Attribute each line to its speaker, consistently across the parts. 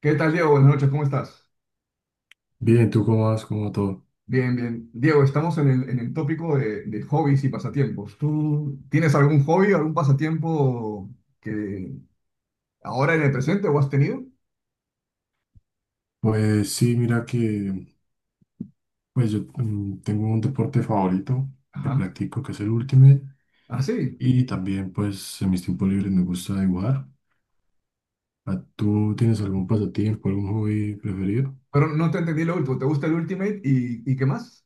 Speaker 1: ¿Qué tal, Diego? Buenas noches, ¿cómo estás?
Speaker 2: Bien, ¿tú cómo vas? ¿Cómo va todo?
Speaker 1: Bien, bien. Diego, estamos en el tópico de hobbies y pasatiempos. ¿Tú tienes algún hobby, algún pasatiempo que ahora en el presente o has tenido?
Speaker 2: Pues sí, mira que pues yo tengo un deporte favorito que
Speaker 1: Ajá.
Speaker 2: practico, que es el Ultimate,
Speaker 1: Ah, sí.
Speaker 2: y también pues en mis tiempos libres me gusta dibujar. ¿Tú tienes algún pasatiempo, algún hobby preferido?
Speaker 1: Pero no te entendí lo último. ¿Te gusta el Ultimate y qué más?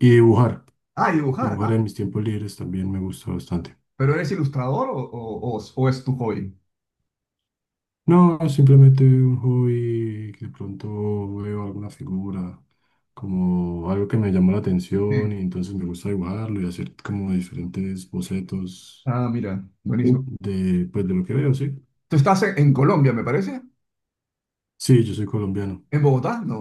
Speaker 2: Y dibujar,
Speaker 1: Ah, dibujar.
Speaker 2: dibujar
Speaker 1: Ah,
Speaker 2: en mis tiempos libres también me gusta bastante.
Speaker 1: ¿Pero eres ilustrador o es tu hobby?
Speaker 2: No, simplemente un hobby que de pronto veo alguna figura, como algo que me llamó la atención y
Speaker 1: Sí.
Speaker 2: entonces me gusta dibujarlo y hacer como diferentes bocetos.
Speaker 1: Ah, mira, buenísimo.
Speaker 2: De, pues de lo que veo, sí.
Speaker 1: ¿Tú estás en Colombia, me parece?
Speaker 2: Sí, yo soy colombiano.
Speaker 1: ¿En Bogotá? No.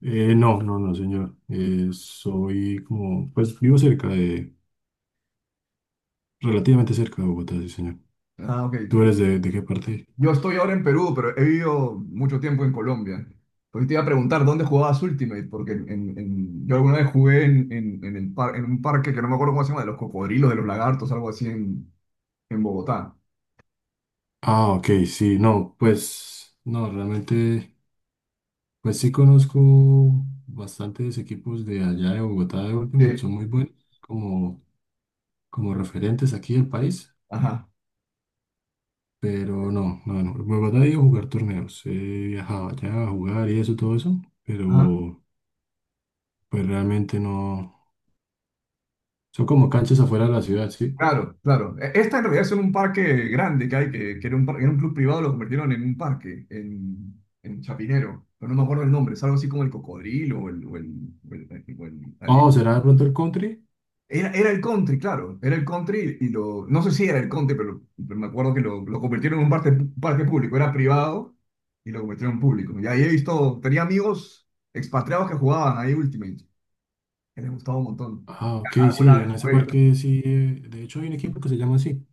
Speaker 2: No, no, no, señor. Soy como, pues vivo cerca de, relativamente cerca de Bogotá, sí, señor.
Speaker 1: Ah, ok.
Speaker 2: ¿Tú eres de qué parte?
Speaker 1: Yo estoy ahora en Perú, pero he vivido mucho tiempo en Colombia. Pues te iba a preguntar dónde jugabas Ultimate, porque yo alguna vez jugué en un parque que no me acuerdo cómo se llama, de los cocodrilos, de los lagartos, algo así en Bogotá.
Speaker 2: Ah, ok, sí, no, pues, no, realmente, pues sí conozco bastantes equipos de allá de Bogotá de Ultimate,
Speaker 1: Sí,
Speaker 2: son muy buenos como, como referentes aquí del país,
Speaker 1: ajá,
Speaker 2: pero no, no, no, en Bogotá he ido a jugar torneos, he viajado allá a jugar y eso, todo eso,
Speaker 1: ajá.
Speaker 2: pero... Pues realmente no. Son como canchas afuera de la ciudad, ¿sí?
Speaker 1: Claro, claro. Esta en realidad es un parque grande que hay, que era era un club privado, lo convirtieron en un parque, en Chapinero, pero no me acuerdo el nombre, es algo así como el cocodrilo o o el, o el
Speaker 2: Oh, ¿será de pronto el country?
Speaker 1: Era el country, claro, era el country y lo, no sé si era el country, pero me acuerdo que lo convirtieron en un parque, parque público, era privado y lo convirtieron en público. Y ahí he visto, tenía amigos expatriados que jugaban ahí Ultimate, que les gustaba un montón.
Speaker 2: Ah, ok,
Speaker 1: Alguna
Speaker 2: sí,
Speaker 1: vez
Speaker 2: en ese
Speaker 1: jugué yo
Speaker 2: parque
Speaker 1: también.
Speaker 2: sí. Eh, de hecho, hay un equipo que se llama así.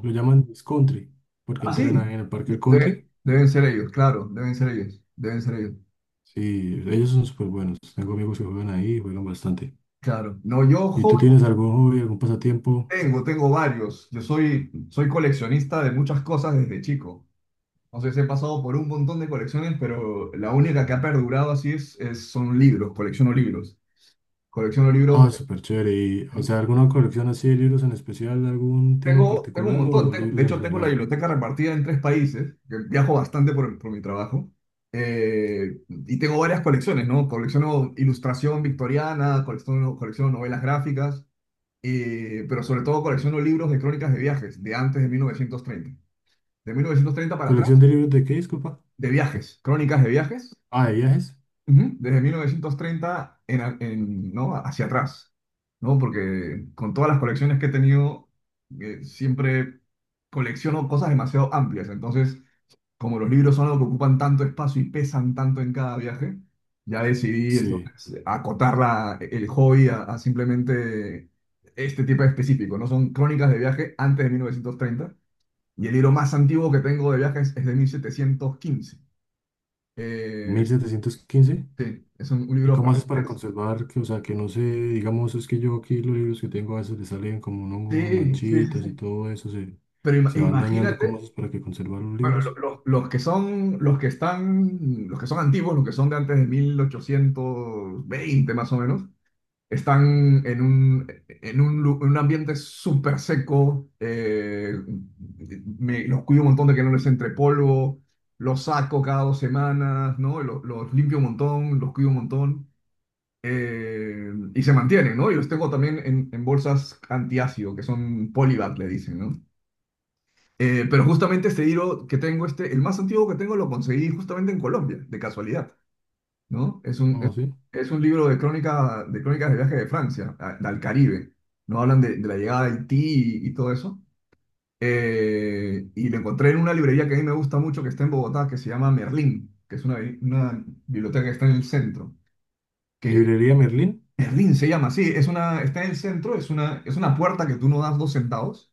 Speaker 2: Lo llaman Miss Country, porque
Speaker 1: Ah,
Speaker 2: entrenan ahí
Speaker 1: sí,
Speaker 2: en el parque del country.
Speaker 1: deben ser ellos, claro, deben ser ellos,
Speaker 2: Sí, ellos son súper buenos. Tengo amigos que juegan ahí y juegan bastante.
Speaker 1: claro. No, yo
Speaker 2: ¿Y tú
Speaker 1: hobbies
Speaker 2: tienes algún hobby, algún pasatiempo?
Speaker 1: tengo varios, yo soy coleccionista de muchas cosas desde chico. O sea, he pasado por un montón de colecciones, pero la única que ha perdurado así son libros, colecciono libros. Colecciono libros
Speaker 2: Ah,
Speaker 1: de...
Speaker 2: súper chévere. Y, o sea, ¿alguna colección así de libros en especial, algún tema en
Speaker 1: Tengo un
Speaker 2: particular
Speaker 1: montón,
Speaker 2: o libros
Speaker 1: de
Speaker 2: en
Speaker 1: hecho tengo la
Speaker 2: general?
Speaker 1: biblioteca repartida en tres países, que viajo bastante por mi trabajo, y tengo varias colecciones, ¿no? Colecciono ilustración victoriana, colecciono novelas gráficas, pero sobre todo colecciono libros de crónicas de viajes, de antes de 1930. De 1930 para atrás,
Speaker 2: ¿Colección de libros de qué, disculpa?
Speaker 1: de viajes, crónicas de viajes.
Speaker 2: Ah, de viajes.
Speaker 1: Ujú. Desde 1930 ¿no? Hacia atrás, ¿no? Porque con todas las colecciones que he tenido, siempre colecciono cosas demasiado amplias. Entonces, como los libros son algo que ocupan tanto espacio y pesan tanto en cada viaje, ya decidí
Speaker 2: Sí,
Speaker 1: entonces acotar el hobby a simplemente este tipo específico, ¿no? Son crónicas de viaje antes de 1930 y el libro más antiguo que tengo de viajes es de 1715. Eh,
Speaker 2: 1715.
Speaker 1: sí, es un
Speaker 2: ¿Y
Speaker 1: libro
Speaker 2: cómo haces para
Speaker 1: francés.
Speaker 2: conservar que, o sea, que no se, digamos, es que yo aquí los libros que tengo a veces le salen como un hongo, unas
Speaker 1: Sí, sí, sí,
Speaker 2: manchitas y
Speaker 1: sí.
Speaker 2: todo eso, se,
Speaker 1: Pero
Speaker 2: se van dañando. ¿Cómo
Speaker 1: imagínate,
Speaker 2: haces para que conservar los
Speaker 1: bueno, lo-
Speaker 2: libros?
Speaker 1: los, los que son, los que están, los que son antiguos, los que son de antes de 1820, más o menos, están en en un ambiente súper seco. Los cuido un montón de que no les entre polvo, los saco cada 2 semanas, ¿no? Los limpio un montón, los cuido un montón, y se mantienen, ¿no? Y los tengo también en bolsas antiácido, que son polybag, le dicen, ¿no? Pero justamente este Hero que tengo, este, el más antiguo que tengo, lo conseguí justamente en Colombia, de casualidad, ¿no?
Speaker 2: ¿Cómo así?
Speaker 1: Es un libro de crónica, de crónicas de viaje de Francia, al Caribe, ¿no? Hablan de la llegada de Haití y todo eso. Y lo encontré en una librería que a mí me gusta mucho, que está en Bogotá, que se llama Merlín, que es una biblioteca que está en el centro.
Speaker 2: ¿Librería Merlín?
Speaker 1: Merlín se llama, sí, es una, está en el centro, es una puerta que tú no das dos centavos,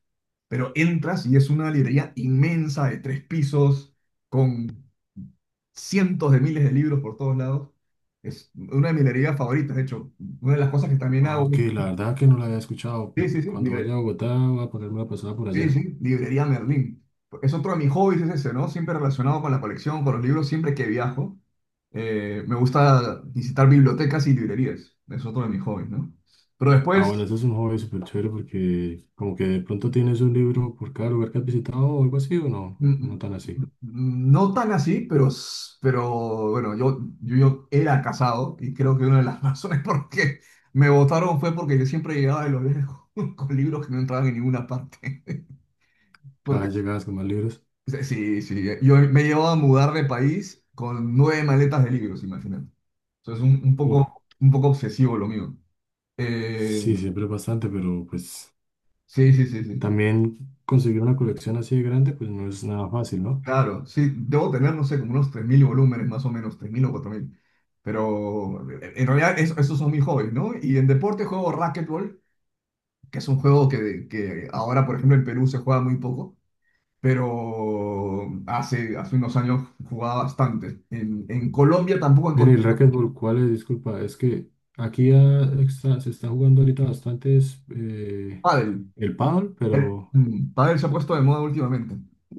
Speaker 1: pero entras y es una librería inmensa de tres pisos, con cientos de miles de libros por todos lados. Es una de mis librerías favoritas, de hecho, una de las cosas que también
Speaker 2: Ah,
Speaker 1: hago.
Speaker 2: ok, la verdad que no la había escuchado.
Speaker 1: Sí, sí, sí,
Speaker 2: Cuando vaya a Bogotá voy a ponerme la pasada por
Speaker 1: sí,
Speaker 2: allá.
Speaker 1: sí, librería Merlín. Es otro de mis hobbies, es ese, ¿no? Siempre relacionado con la colección, con los libros, siempre que viajo. Me gusta visitar bibliotecas y librerías, es otro de mis hobbies, ¿no? Pero
Speaker 2: Ah, bueno,
Speaker 1: después...
Speaker 2: ese es un hobby súper chévere porque como que de pronto tienes un libro por cada lugar que has visitado o algo así, o no, no
Speaker 1: Mm,
Speaker 2: tan así.
Speaker 1: No tan así, pero, pero bueno, yo era casado y creo que una de las razones por qué me votaron fue porque yo siempre llegaba de los lejos con libros que no entraban en ninguna parte.
Speaker 2: Cada
Speaker 1: Porque
Speaker 2: vez llegadas con más libros.
Speaker 1: sí, sí, sí, yo me llevaba a mudar de país con nueve maletas de libros, imagínate. Entonces
Speaker 2: Uf,
Speaker 1: un poco obsesivo lo mío. Eh,
Speaker 2: sí, siempre es bastante, pero pues...
Speaker 1: sí, sí, sí, sí.
Speaker 2: También conseguir una colección así de grande, pues no es nada fácil, ¿no?
Speaker 1: Claro, sí, debo tener, no sé, como unos 3.000 volúmenes, más o menos, 3.000 o 4.000. Pero en realidad esos son mis hobbies, ¿no? Y en deporte juego racquetball, que es un juego que ahora, por ejemplo, en Perú se juega muy poco, pero hace unos años jugaba bastante. En Colombia tampoco
Speaker 2: Mire,
Speaker 1: encontré
Speaker 2: el racquetball, ¿cuál es? Disculpa, es que aquí ya se está jugando ahorita bastante es,
Speaker 1: pádel.
Speaker 2: el pádel,
Speaker 1: El,
Speaker 2: pero
Speaker 1: pádel se ha puesto de moda últimamente.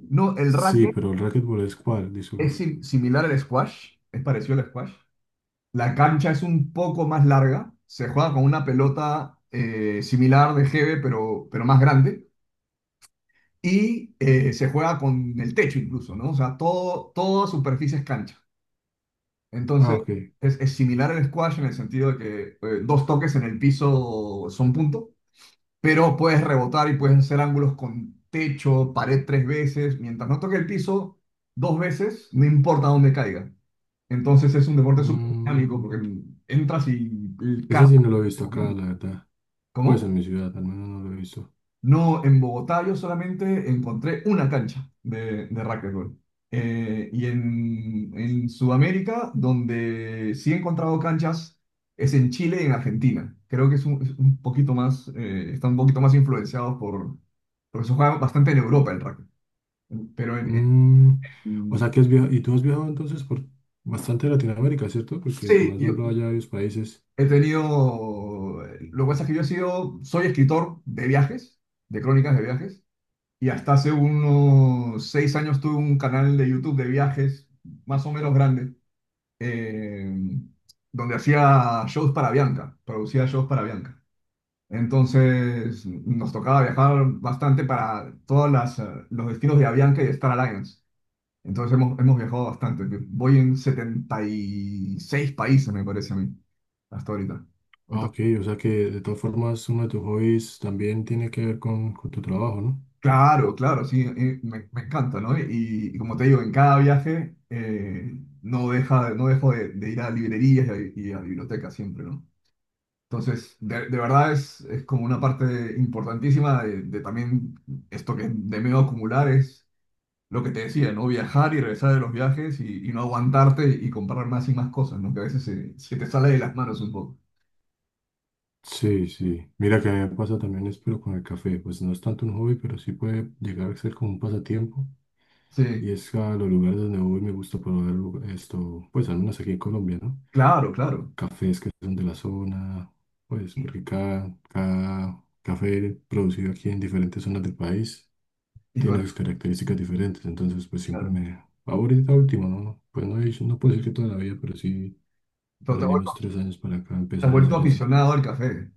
Speaker 1: No, el
Speaker 2: sí,
Speaker 1: racket
Speaker 2: pero el racquetball es cuál, disculpa.
Speaker 1: es similar al squash, es parecido al squash. La cancha es un poco más larga, se juega con una pelota similar de GB, pero más grande, y se juega con el techo incluso, ¿no? O sea, todo, toda superficie es cancha.
Speaker 2: Ah,
Speaker 1: Entonces,
Speaker 2: ok.
Speaker 1: es similar al squash en el sentido de que dos toques en el piso son punto, pero puedes rebotar y puedes hacer ángulos con techo, pared tres veces, mientras no toque el piso dos veces, no importa dónde caiga. Entonces es un deporte súper dinámico
Speaker 2: Mm,
Speaker 1: porque entras y el
Speaker 2: ese
Speaker 1: carro.
Speaker 2: sí no lo he visto acá, la verdad. Pues
Speaker 1: ¿Cómo?
Speaker 2: en mi ciudad, al menos no lo he visto.
Speaker 1: No, en Bogotá yo solamente encontré una cancha de racquetball. Y en Sudamérica, donde sí he encontrado canchas, es en Chile y en Argentina. Creo que es es un poquito más, están un poquito más influenciados porque se juega bastante en Europa el rugby. Pero
Speaker 2: Mm, o sea
Speaker 1: en-
Speaker 2: que has viajado, y tú has viajado entonces por bastante Latinoamérica, ¿cierto? Porque me
Speaker 1: sí,
Speaker 2: has
Speaker 1: yo
Speaker 2: nombrado ya varios países.
Speaker 1: he tenido, lo que pasa es que yo he sido, soy escritor de viajes, de crónicas de viajes. Y hasta hace unos 6 años tuve un canal de YouTube de viajes, más o menos grande, eh, donde hacía shows para Bianca, producía shows para Bianca. Entonces nos tocaba viajar bastante para todos los destinos de Avianca y de Star Alliance. Entonces hemos viajado bastante. Voy en 76 países, me parece a mí, hasta ahorita.
Speaker 2: Ah, ok, o sea que de todas formas uno de tus hobbies también tiene que ver con tu trabajo, ¿no?
Speaker 1: Claro, claro, sí, me encanta, ¿no? Y como te digo, en cada viaje no dejo de ir a librerías y a bibliotecas siempre, ¿no? Entonces, de verdad es como una parte importantísima de también esto que de medio acumular es lo que te decía, ¿no? Viajar y regresar de los viajes y no aguantarte y comprar más y más cosas, ¿no? Que a veces se te sale de las manos un poco.
Speaker 2: Sí, sí. Mira que a mí me pasa también es pero con el café. Pues no es tanto un hobby, pero sí puede llegar a ser como un pasatiempo. Y
Speaker 1: Sí,
Speaker 2: es a los lugares donde voy me gusta probar esto, pues al menos aquí en Colombia, ¿no?
Speaker 1: claro, claro.
Speaker 2: Cafés que son de la zona, pues
Speaker 1: Y,
Speaker 2: porque cada, cada café producido aquí en diferentes zonas del país
Speaker 1: y
Speaker 2: tiene
Speaker 1: bueno,
Speaker 2: sus características diferentes. Entonces, pues siempre
Speaker 1: claro.
Speaker 2: me... Ahorita último, ¿no? Pues no, no puedo decir que toda la vida, pero sí
Speaker 1: Pero
Speaker 2: por ahí de unos tres años para acá
Speaker 1: te has
Speaker 2: empezaba a
Speaker 1: vuelto
Speaker 2: hacer eso.
Speaker 1: aficionado al café.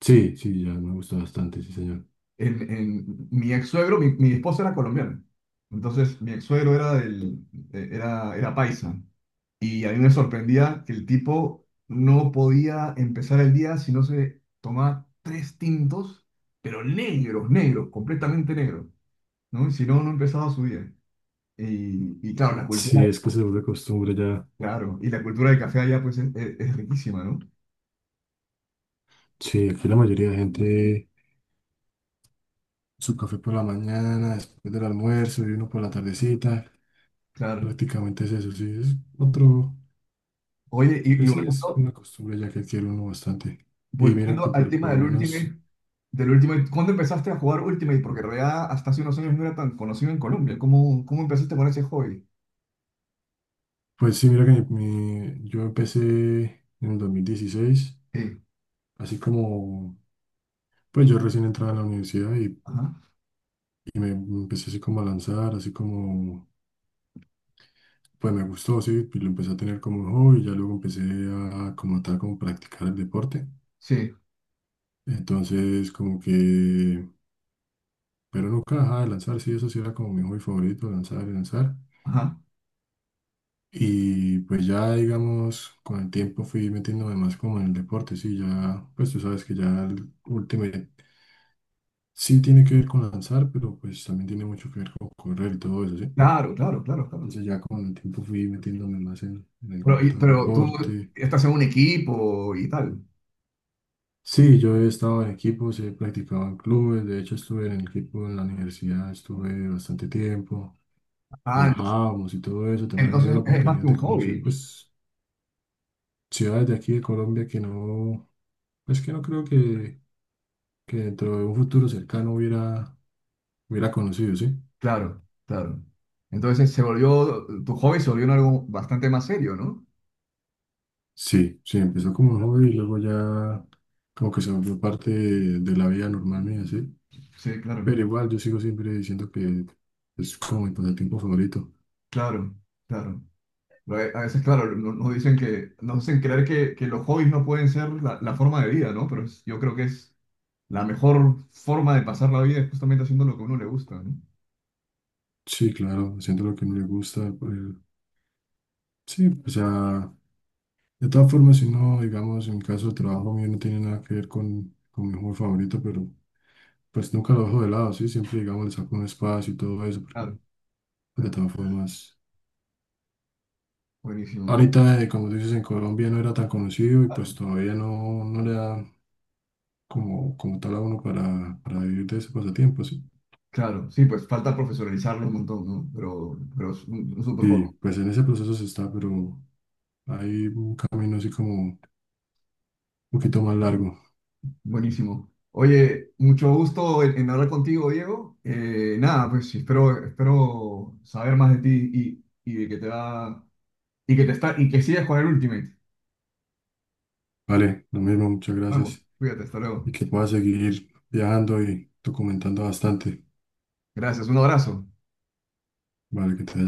Speaker 2: Sí, sí, ya me gusta bastante, sí, señor.
Speaker 1: Mi ex suegro, mi esposa era colombiana. Entonces, mi ex suegro era era paisa. Y a mí me sorprendía que el tipo no podía empezar el día si no se tomaba tres tintos, pero negros, negros, completamente negros, ¿no? Y si no, no empezaba su día. Y claro, la
Speaker 2: Sí,
Speaker 1: cultura,
Speaker 2: es que se vuelve costumbre ya.
Speaker 1: claro, y la cultura del café allá, pues, es riquísima, ¿no?
Speaker 2: Sí, aquí la mayoría de gente, su café por la mañana, después del almuerzo y uno por la tardecita.
Speaker 1: Claro.
Speaker 2: Prácticamente es eso, sí, es otro,
Speaker 1: Oye, y
Speaker 2: es, sí, es
Speaker 1: volviendo,
Speaker 2: una costumbre ya que adquiere uno bastante. Y mira que
Speaker 1: volviendo al
Speaker 2: por
Speaker 1: tema
Speaker 2: lo
Speaker 1: del último.
Speaker 2: menos,
Speaker 1: Del Ultimate, ¿cuándo empezaste a jugar Ultimate? Porque en realidad hasta hace unos años no era tan conocido en Colombia. ¿Cómo empezaste con ese hobby?
Speaker 2: pues sí, mira que yo empecé en el 2016
Speaker 1: Sí,
Speaker 2: así como, pues yo recién entraba a la universidad
Speaker 1: ajá,
Speaker 2: y me empecé así como a lanzar, así como... Pues me gustó, sí, y lo empecé a tener como un hobby, ya luego empecé a como tal, como practicar el deporte.
Speaker 1: sí,
Speaker 2: Entonces, como que, pero nunca dejaba de lanzar, sí, eso sí era como mi hobby favorito, lanzar y lanzar.
Speaker 1: ajá.
Speaker 2: Y pues ya, digamos, con el tiempo fui metiéndome más como en el deporte, sí, ya, pues tú sabes que ya el Ultimate sí tiene que ver con lanzar, pero pues también tiene mucho que ver con correr y todo eso, sí.
Speaker 1: Claro, claro, claro, claro.
Speaker 2: Entonces ya con el tiempo fui metiéndome más en el
Speaker 1: Pero,
Speaker 2: cuento del
Speaker 1: pero tú
Speaker 2: deporte.
Speaker 1: estás en un equipo y tal.
Speaker 2: Sí, yo he estado en equipos, he practicado en clubes, de hecho estuve en el equipo en la universidad, estuve bastante tiempo,
Speaker 1: Ah,
Speaker 2: viajábamos y todo eso, también me dio la
Speaker 1: entonces es más
Speaker 2: oportunidad
Speaker 1: que
Speaker 2: de
Speaker 1: un
Speaker 2: conocer
Speaker 1: hobby.
Speaker 2: pues ciudades de aquí de Colombia que no, pues que no creo que dentro de un futuro cercano hubiera, hubiera conocido, ¿sí?
Speaker 1: Claro, claro. Entonces tu hobby se volvió en algo bastante más serio, ¿no?
Speaker 2: Sí, sí, empezó como un hobby y luego ya como que se volvió parte de la vida normal mía, ¿sí?
Speaker 1: Sí, claro,
Speaker 2: Pero igual yo sigo siempre diciendo que es como mi pasatiempo favorito.
Speaker 1: claro, claro. Pero a veces, claro, nos dicen nos hacen creer que los hobbies no pueden ser la forma de vida, ¿no? Pero yo creo que es la mejor forma de pasar la vida. Es justamente haciendo lo que a uno le gusta, ¿no?
Speaker 2: Sí, claro, haciendo lo que no le gusta. Sí, o sea, de todas formas, si no, digamos, en mi caso el trabajo mío no tiene nada que ver con mi juego favorito, pero pues nunca lo dejo de lado, ¿sí? Siempre, digamos, le saco un espacio y todo eso, porque
Speaker 1: Claro,
Speaker 2: pues, de
Speaker 1: claro,
Speaker 2: todas formas,
Speaker 1: buenísimo.
Speaker 2: ahorita, como tú dices, en Colombia no era tan conocido y pues todavía no, no le da como, como tal a uno para vivir de ese pasatiempo, ¿sí?
Speaker 1: Claro, sí, pues falta profesionalizarlo un montón, ¿no? Pero es un súper
Speaker 2: Sí,
Speaker 1: joven.
Speaker 2: pues en ese proceso se está, pero hay un camino así como un poquito más largo.
Speaker 1: Buenísimo. Oye, mucho gusto en hablar contigo, Diego. Nada, pues sí espero, espero saber más de ti y de que te va, y que sigas con el Ultimate.
Speaker 2: Vale, lo mismo, muchas
Speaker 1: Vamos,
Speaker 2: gracias.
Speaker 1: cuídate, hasta
Speaker 2: Y
Speaker 1: luego.
Speaker 2: que puedas seguir viajando y documentando bastante.
Speaker 1: Gracias, un abrazo.
Speaker 2: Vale, que te vaya